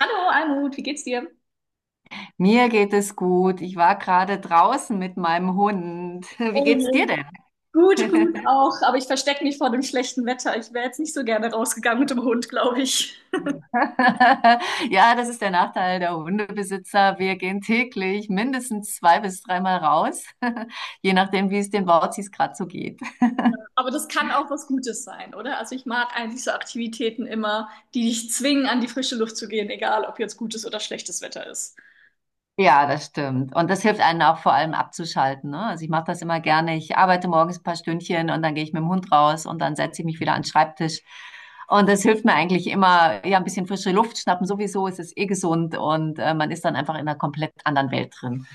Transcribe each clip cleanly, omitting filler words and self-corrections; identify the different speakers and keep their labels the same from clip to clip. Speaker 1: Hallo Almut, wie geht's dir?
Speaker 2: Mir geht es gut. Ich war gerade draußen mit meinem Hund. Wie
Speaker 1: Oh
Speaker 2: geht's dir
Speaker 1: je.
Speaker 2: denn?
Speaker 1: Gut, gut auch, aber ich verstecke mich vor dem schlechten Wetter. Ich wäre jetzt nicht so gerne rausgegangen mit dem Hund, glaube ich.
Speaker 2: Ja, das ist der Nachteil der Hundebesitzer. Wir gehen täglich mindestens zwei bis dreimal raus, je nachdem, wie es den Wauzis gerade so geht.
Speaker 1: Aber das kann auch was Gutes sein, oder? Also ich mag eigentlich so Aktivitäten immer, die dich zwingen, an die frische Luft zu gehen, egal ob jetzt gutes oder schlechtes Wetter ist.
Speaker 2: Ja, das stimmt. Und das hilft einem auch vor allem abzuschalten. Ne? Also ich mache das immer gerne. Ich arbeite morgens ein paar Stündchen und dann gehe ich mit dem Hund raus und dann setze ich mich wieder an den Schreibtisch. Und das hilft mir eigentlich immer, ja, ein bisschen frische Luft schnappen. Sowieso ist es eh gesund und man ist dann einfach in einer komplett anderen Welt drin.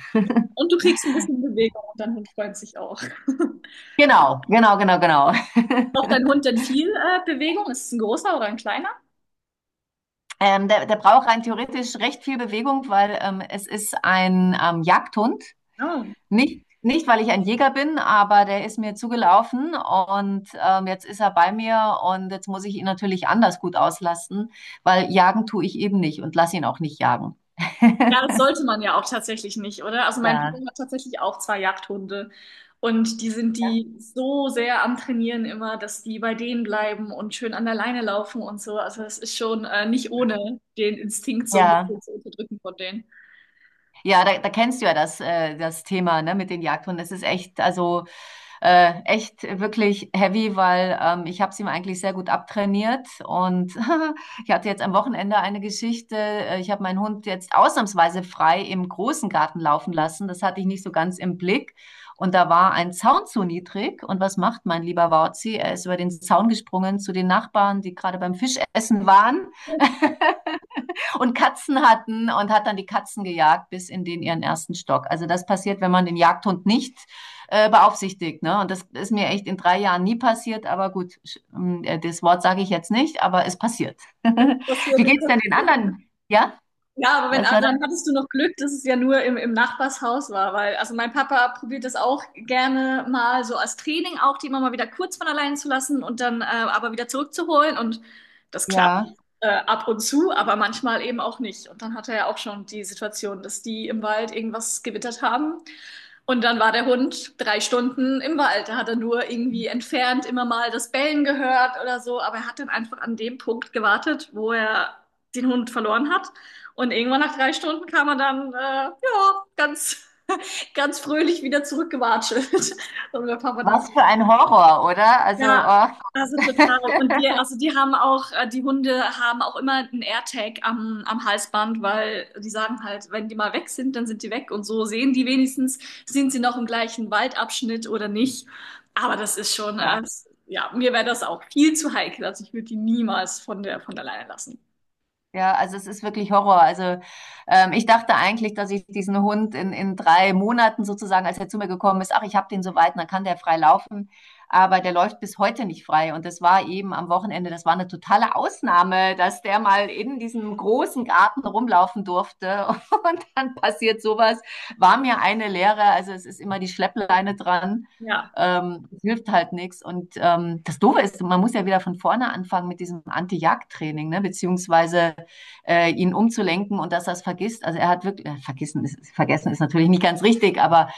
Speaker 1: Und du kriegst ein bisschen Bewegung und dein Hund freut sich auch.
Speaker 2: Genau, genau, genau, genau.
Speaker 1: Braucht dein Hund denn viel Bewegung? Ist es ein großer oder ein kleiner?
Speaker 2: Der braucht rein theoretisch recht viel Bewegung, weil es ist ein Jagdhund.
Speaker 1: Ah.
Speaker 2: Nicht, nicht, weil ich ein Jäger bin, aber der ist mir zugelaufen und jetzt ist er bei mir und jetzt muss ich ihn natürlich anders gut auslasten, weil jagen tue ich eben nicht und lass ihn auch nicht jagen.
Speaker 1: Ja, das sollte man ja auch tatsächlich nicht, oder? Also mein Papa
Speaker 2: Ja.
Speaker 1: hat tatsächlich auch zwei Jagdhunde und die sind die so sehr am Trainieren immer, dass die bei denen bleiben und schön an der Leine laufen und so. Also es ist schon nicht ohne den Instinkt so ein
Speaker 2: Ja.
Speaker 1: bisschen zu unterdrücken von denen.
Speaker 2: Ja, da kennst du ja das, das Thema, ne, mit den Jagdhunden. Das ist echt, also echt wirklich heavy, weil ich habe sie mir eigentlich sehr gut abtrainiert. Und ich hatte jetzt am Wochenende eine Geschichte. Ich habe meinen Hund jetzt ausnahmsweise frei im großen Garten laufen lassen. Das hatte ich nicht so ganz im Blick. Und da war ein Zaun zu niedrig. Und was macht mein lieber Wauzi? Er ist über den Zaun gesprungen zu den Nachbarn, die gerade beim Fischessen waren und Katzen hatten und hat dann die Katzen gejagt bis in den ihren ersten Stock. Also das passiert, wenn man den Jagdhund nicht beaufsichtigt. Ne? Und das ist mir echt in 3 Jahren nie passiert, aber gut, das Wort sage ich jetzt nicht, aber es passiert.
Speaker 1: Das hier,
Speaker 2: Wie
Speaker 1: den
Speaker 2: geht's denn den anderen? Ja?
Speaker 1: Ja, aber wenn,
Speaker 2: Was war
Speaker 1: also
Speaker 2: das?
Speaker 1: dann hattest du noch Glück, dass es ja nur im Nachbarshaus war, weil, also mein Papa probiert das auch gerne mal so als Training auch, die immer mal wieder kurz von allein zu lassen und dann aber wieder zurückzuholen und das klappt
Speaker 2: Ja.
Speaker 1: ab und zu, aber manchmal eben auch nicht. Und dann hatte er ja auch schon die Situation, dass die im Wald irgendwas gewittert haben und dann war der Hund 3 Stunden im Wald. Da hat er nur irgendwie entfernt immer mal das Bellen gehört oder so, aber er hat dann einfach an dem Punkt gewartet, wo er den Hund verloren hat und irgendwann nach 3 Stunden kam er dann, ja, ganz, ganz fröhlich wieder zurückgewatschelt. Und mein Papa dann,
Speaker 2: Was für ein Horror, oder? Also,
Speaker 1: ja,
Speaker 2: ach.
Speaker 1: also total. Und die, also die haben auch, die Hunde haben auch immer einen AirTag am Halsband, weil die sagen halt, wenn die mal weg sind, dann sind die weg. Und so sehen die wenigstens, sind sie noch im gleichen Waldabschnitt oder nicht. Aber das ist schon,
Speaker 2: Ja.
Speaker 1: also, ja, mir wäre das auch viel zu heikel. Also ich würde die niemals von alleine lassen.
Speaker 2: Ja, also es ist wirklich Horror. Also ich dachte eigentlich, dass ich diesen Hund in 3 Monaten sozusagen, als er zu mir gekommen ist, ach, ich habe den so weit, dann kann der frei laufen. Aber der läuft bis heute nicht frei. Und das war eben am Wochenende, das war eine totale Ausnahme, dass der mal in diesem großen Garten rumlaufen durfte. Und dann passiert sowas. War mir eine Lehre. Also es ist immer die Schleppleine dran.
Speaker 1: Ja,
Speaker 2: Es hilft halt nichts. Und das Doofe ist, man muss ja wieder von vorne anfangen mit diesem Anti-Jagd-Training, ne? Beziehungsweise ihn umzulenken und dass er es vergisst. Also er hat wirklich, vergessen ist natürlich nicht ganz richtig, aber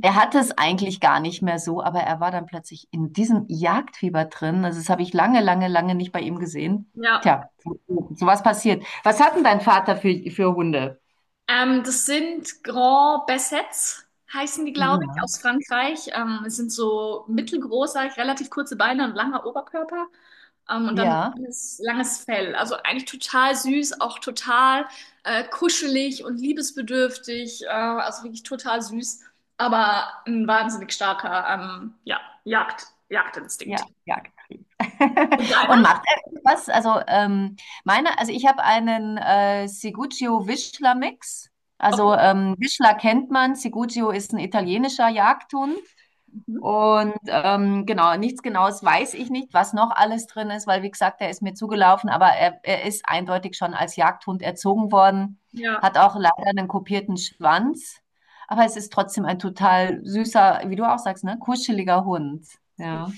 Speaker 2: er hatte es eigentlich gar nicht mehr so, aber er war dann plötzlich in diesem Jagdfieber drin. Also das habe ich lange, lange, lange nicht bei ihm gesehen.
Speaker 1: ja.
Speaker 2: Tja, so was passiert. Was hat denn dein Vater für Hunde?
Speaker 1: Das sind Grand Bassets, heißen die, glaube ich,
Speaker 2: Ja.
Speaker 1: aus Frankreich. Es sind so mittelgroß, sag ich, relativ kurze Beine und langer Oberkörper. Und dann so
Speaker 2: Ja.
Speaker 1: langes, langes Fell. Also eigentlich total süß, auch total kuschelig und liebesbedürftig. Also wirklich total süß, aber ein wahnsinnig starker ja, Jagdinstinkt.
Speaker 2: Ja, Jagdtrieb.
Speaker 1: Und
Speaker 2: Und
Speaker 1: deiner?
Speaker 2: macht er irgendwas? Also, also ich habe einen Ciguccio-Wischler-Mix. Also
Speaker 1: Okay.
Speaker 2: Wischler kennt man, Ciguccio ist ein italienischer Jagdhund.
Speaker 1: Mhm.
Speaker 2: Und genau, nichts Genaues weiß ich nicht, was noch alles drin ist, weil wie gesagt, er ist mir zugelaufen, aber er ist eindeutig schon als Jagdhund erzogen worden,
Speaker 1: Ja.
Speaker 2: hat auch leider einen kopierten Schwanz, aber es ist trotzdem ein total süßer, wie du auch sagst, ne, kuscheliger Hund. Ja.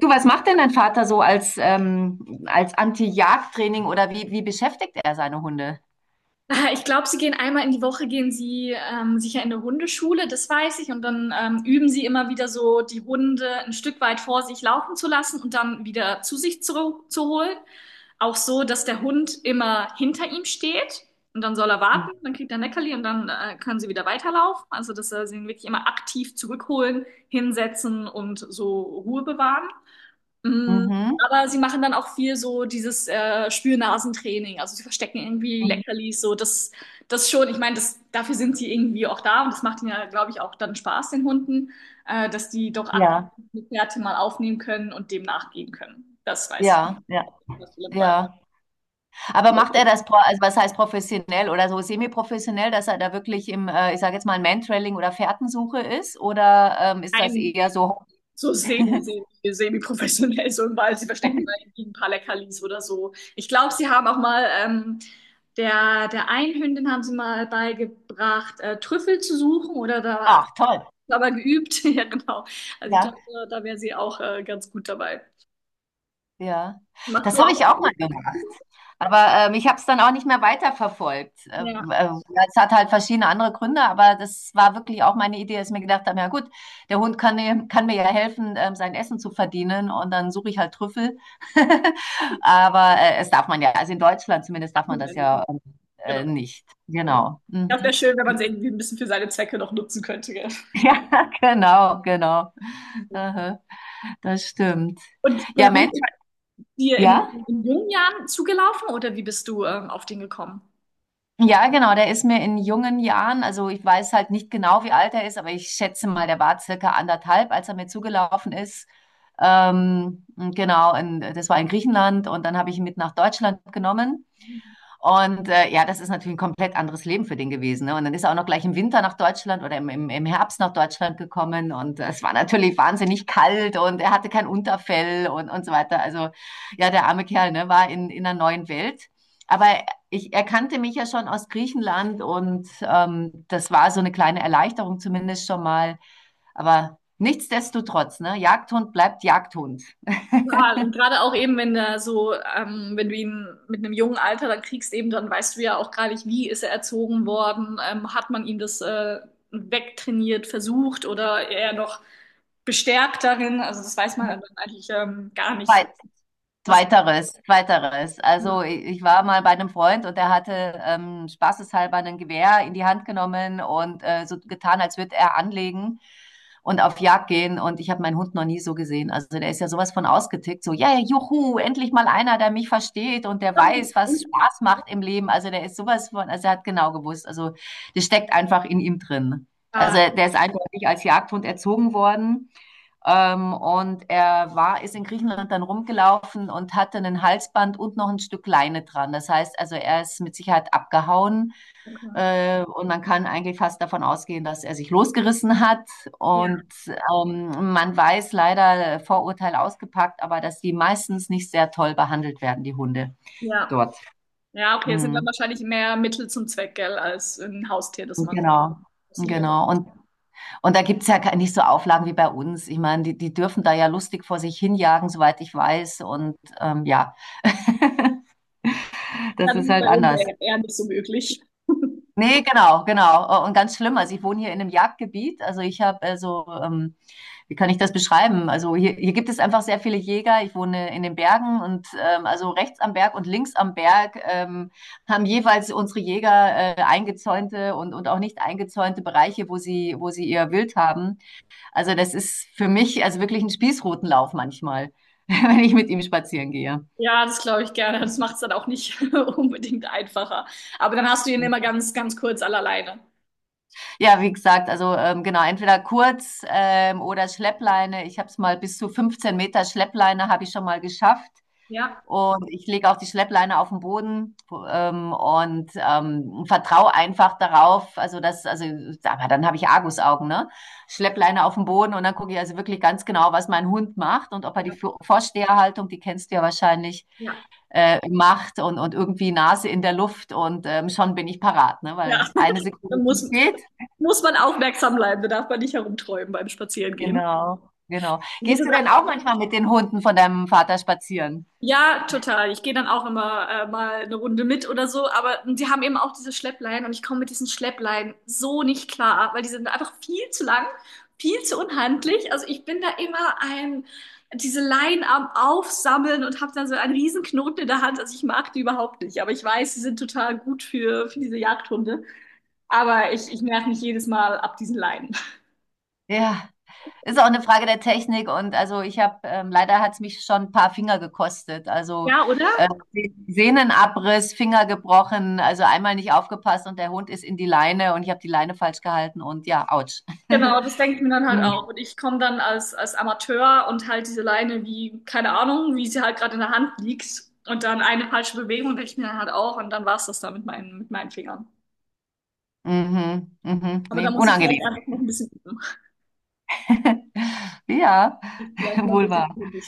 Speaker 2: Du, was macht denn dein Vater so als, als Anti-Jagd-Training oder wie beschäftigt er seine Hunde?
Speaker 1: Ich glaube, sie gehen einmal in die Woche, gehen sie sicher in eine Hundeschule, das weiß ich. Und dann üben sie immer wieder so, die Hunde ein Stück weit vor sich laufen zu lassen und dann wieder zu sich zu holen. Auch so, dass der Hund immer hinter ihm steht und dann soll er
Speaker 2: Mhm.
Speaker 1: warten, dann kriegt er ein Leckerli und dann können sie wieder weiterlaufen. Also, dass er sie wirklich immer aktiv zurückholen, hinsetzen und so Ruhe bewahren. Mm.
Speaker 2: Mhm.
Speaker 1: Aber sie machen dann auch viel so dieses Spürnasentraining. Also sie verstecken irgendwie Leckerlis, so das, das schon. Ich meine, das, dafür sind sie irgendwie auch da und das macht ihnen ja, glaube ich, auch dann Spaß, den Hunden, dass die doch aktiv
Speaker 2: Ja,
Speaker 1: die Fährte mal aufnehmen können und dem nachgehen können. Das weiß ich.
Speaker 2: ja, ja,
Speaker 1: Das ist im
Speaker 2: ja. Aber macht er das, also was heißt professionell oder so semi-professionell, dass er da wirklich ich sage jetzt mal, Mantrailing oder Fährtensuche ist? Oder ist das
Speaker 1: Ein
Speaker 2: eher so,
Speaker 1: So semi-professionell, so im Wald. Sie verstecken mal irgendwie ein paar Leckerlis oder so. Ich glaube, sie haben auch mal, der einen Hündin haben sie mal beigebracht, Trüffel zu suchen oder da
Speaker 2: ach toll,
Speaker 1: aber geübt. Ja, genau. Also ich
Speaker 2: ja,
Speaker 1: glaube, da, da wäre sie auch ganz gut dabei.
Speaker 2: ja.
Speaker 1: Machst du
Speaker 2: Das habe
Speaker 1: auch?
Speaker 2: ich auch mal gemacht. Aber ich habe es dann auch nicht mehr weiterverfolgt. Äh,
Speaker 1: Ja,
Speaker 2: äh, es hat halt verschiedene andere Gründe, aber das war wirklich auch meine Idee, dass ich mir gedacht habe, ja gut, der Hund kann mir ja helfen, sein Essen zu verdienen und dann suche ich halt Trüffel. Aber es darf man ja, also in Deutschland zumindest
Speaker 1: ach,
Speaker 2: darf man
Speaker 1: man ja
Speaker 2: das
Speaker 1: nicht.
Speaker 2: ja
Speaker 1: Genau,
Speaker 2: nicht.
Speaker 1: genau.
Speaker 2: Genau. Mhm.
Speaker 1: Das wäre schön, wenn man sie irgendwie ein bisschen für seine Zwecke noch nutzen könnte. Gell?
Speaker 2: Ja, genau, genau. Aha, das stimmt.
Speaker 1: Und
Speaker 2: Ja,
Speaker 1: der Hund
Speaker 2: Mensch,
Speaker 1: ist dir
Speaker 2: ja.
Speaker 1: in jungen Jahren zugelaufen oder wie bist du auf den gekommen?
Speaker 2: Ja, genau, der ist mir in jungen Jahren, also ich weiß halt nicht genau, wie alt er ist, aber ich schätze mal, der war circa anderthalb, als er mir zugelaufen ist. Genau, das war in Griechenland und dann habe ich ihn mit nach Deutschland genommen. Und ja, das ist natürlich ein komplett anderes Leben für den gewesen. Ne? Und dann ist er auch noch gleich im Winter nach Deutschland oder im Herbst nach Deutschland gekommen. Und es war natürlich wahnsinnig kalt und er hatte kein Unterfell und so weiter. Also ja, der arme Kerl ne, war in einer neuen Welt. Aber ich erkannte mich ja schon aus Griechenland und das war so eine kleine Erleichterung zumindest schon mal. Aber nichtsdestotrotz, ne? Jagdhund bleibt Jagdhund.
Speaker 1: Total. Und gerade auch eben, wenn er so, wenn du ihn mit einem jungen Alter dann kriegst, eben dann weißt du ja auch gar nicht, wie ist er erzogen worden, hat man ihm das wegtrainiert, versucht oder eher noch bestärkt darin. Also das weiß man dann eigentlich gar nicht.
Speaker 2: Zeit,
Speaker 1: Was
Speaker 2: Zweiteres, zweiteres. Also ich war mal bei einem Freund und der hatte spaßeshalber ein Gewehr in die Hand genommen und so getan, als würde er anlegen und auf Jagd gehen. Und ich habe meinen Hund noch nie so gesehen. Also der ist ja sowas von ausgetickt. So, ja, yeah, juhu, endlich mal einer, der mich versteht und der weiß, was Spaß macht im Leben. Also der ist sowas von, also er hat genau gewusst. Also das steckt einfach in ihm drin. Also
Speaker 1: ah,
Speaker 2: der ist eindeutig als Jagdhund erzogen worden. Und er war, ist in Griechenland dann rumgelaufen und hatte einen Halsband und noch ein Stück Leine dran. Das heißt also, er ist mit Sicherheit abgehauen.
Speaker 1: okay.
Speaker 2: Und man kann eigentlich fast davon ausgehen, dass er sich losgerissen hat.
Speaker 1: Ja,
Speaker 2: Und man weiß leider Vorurteil ausgepackt, aber dass die meistens nicht sehr toll behandelt werden, die Hunde
Speaker 1: ja.
Speaker 2: dort.
Speaker 1: Ja, okay, es sind dann
Speaker 2: Mhm.
Speaker 1: wahrscheinlich mehr Mittel zum Zweck, gell, als ein Haustier, das man
Speaker 2: Genau.
Speaker 1: das lieber hat.
Speaker 2: Genau, und da gibt's ja nicht so Auflagen wie bei uns. Ich meine, die dürfen da ja lustig vor sich hinjagen, soweit ich weiß. Und ja,
Speaker 1: Ja,
Speaker 2: das
Speaker 1: das
Speaker 2: ist
Speaker 1: ist
Speaker 2: halt
Speaker 1: bei uns
Speaker 2: anders.
Speaker 1: eher, eher nicht so möglich.
Speaker 2: Nee, genau, genau. Und ganz schlimm. Also ich wohne hier in einem Jagdgebiet. Also ich habe wie kann ich das beschreiben? Also hier, hier gibt es einfach sehr viele Jäger. Ich wohne in den Bergen und also rechts am Berg und links am Berg haben jeweils unsere Jäger eingezäunte und auch nicht eingezäunte Bereiche, wo sie ihr Wild haben. Also das ist für mich also wirklich ein Spießrutenlauf manchmal, wenn ich mit ihm spazieren gehe.
Speaker 1: Ja, das glaube ich gerne. Das macht es dann auch nicht unbedingt einfacher. Aber dann hast du ihn immer ganz, ganz kurz alleine.
Speaker 2: Ja, wie gesagt, also genau, entweder kurz oder Schleppleine. Ich habe es mal bis zu 15 Meter Schleppleine habe ich schon mal geschafft.
Speaker 1: Ja,
Speaker 2: Und ich lege auch die Schleppleine auf den Boden und vertraue einfach darauf. Also das, also, aber dann habe ich Argusaugen, ne? Schleppleine auf den Boden und dann gucke ich also wirklich ganz genau, was mein Hund macht und ob er die
Speaker 1: ja,
Speaker 2: Vorsteherhaltung, die kennst du ja wahrscheinlich,
Speaker 1: ja.
Speaker 2: macht und irgendwie Nase in der Luft und schon bin ich parat, ne? Weil
Speaker 1: Ja,
Speaker 2: eine
Speaker 1: dann
Speaker 2: Sekunde zu
Speaker 1: muss,
Speaker 2: spät.
Speaker 1: muss man aufmerksam bleiben. Da darf man nicht herumträumen beim Spazierengehen.
Speaker 2: Genau, genau.
Speaker 1: Man muss
Speaker 2: Gehst du denn
Speaker 1: jetzt
Speaker 2: auch manchmal mit den Hunden von deinem Vater spazieren?
Speaker 1: Ja, total. Ich gehe dann auch immer mal eine Runde mit oder so, aber die haben eben auch diese Schleppleinen und ich komme mit diesen Schleppleinen so nicht klar, weil die sind einfach viel zu lang, viel zu unhandlich. Also ich bin da immer diese Leinen am Aufsammeln und habe dann so einen riesen Knoten in der Hand. Also ich mag die überhaupt nicht, aber ich weiß, sie sind total gut für diese Jagdhunde. Aber ich nerv mich jedes Mal ab diesen Leinen.
Speaker 2: Ja, ist auch eine Frage der Technik und also leider hat es mich schon ein paar Finger gekostet. Also
Speaker 1: Ja, oder?
Speaker 2: äh, Sehnenabriss, Finger gebrochen, also einmal nicht aufgepasst und der Hund ist in die Leine und ich habe die Leine falsch gehalten und ja, ouch.
Speaker 1: Genau, das denke ich mir dann halt auch. Und ich komme dann als Amateur und halt diese Leine wie, keine Ahnung, wie sie halt gerade in der Hand liegt. Und dann eine falsche Bewegung denke ich mir dann halt auch. Und dann war es das da mit meinen Fingern.
Speaker 2: Mhm, mhm,
Speaker 1: Aber da
Speaker 2: nee,
Speaker 1: muss ich vielleicht
Speaker 2: unangenehm.
Speaker 1: einfach noch ein bisschen üben.
Speaker 2: Ja,
Speaker 1: Ich vielleicht mal
Speaker 2: wohl
Speaker 1: bitte
Speaker 2: wahr.
Speaker 1: die Hände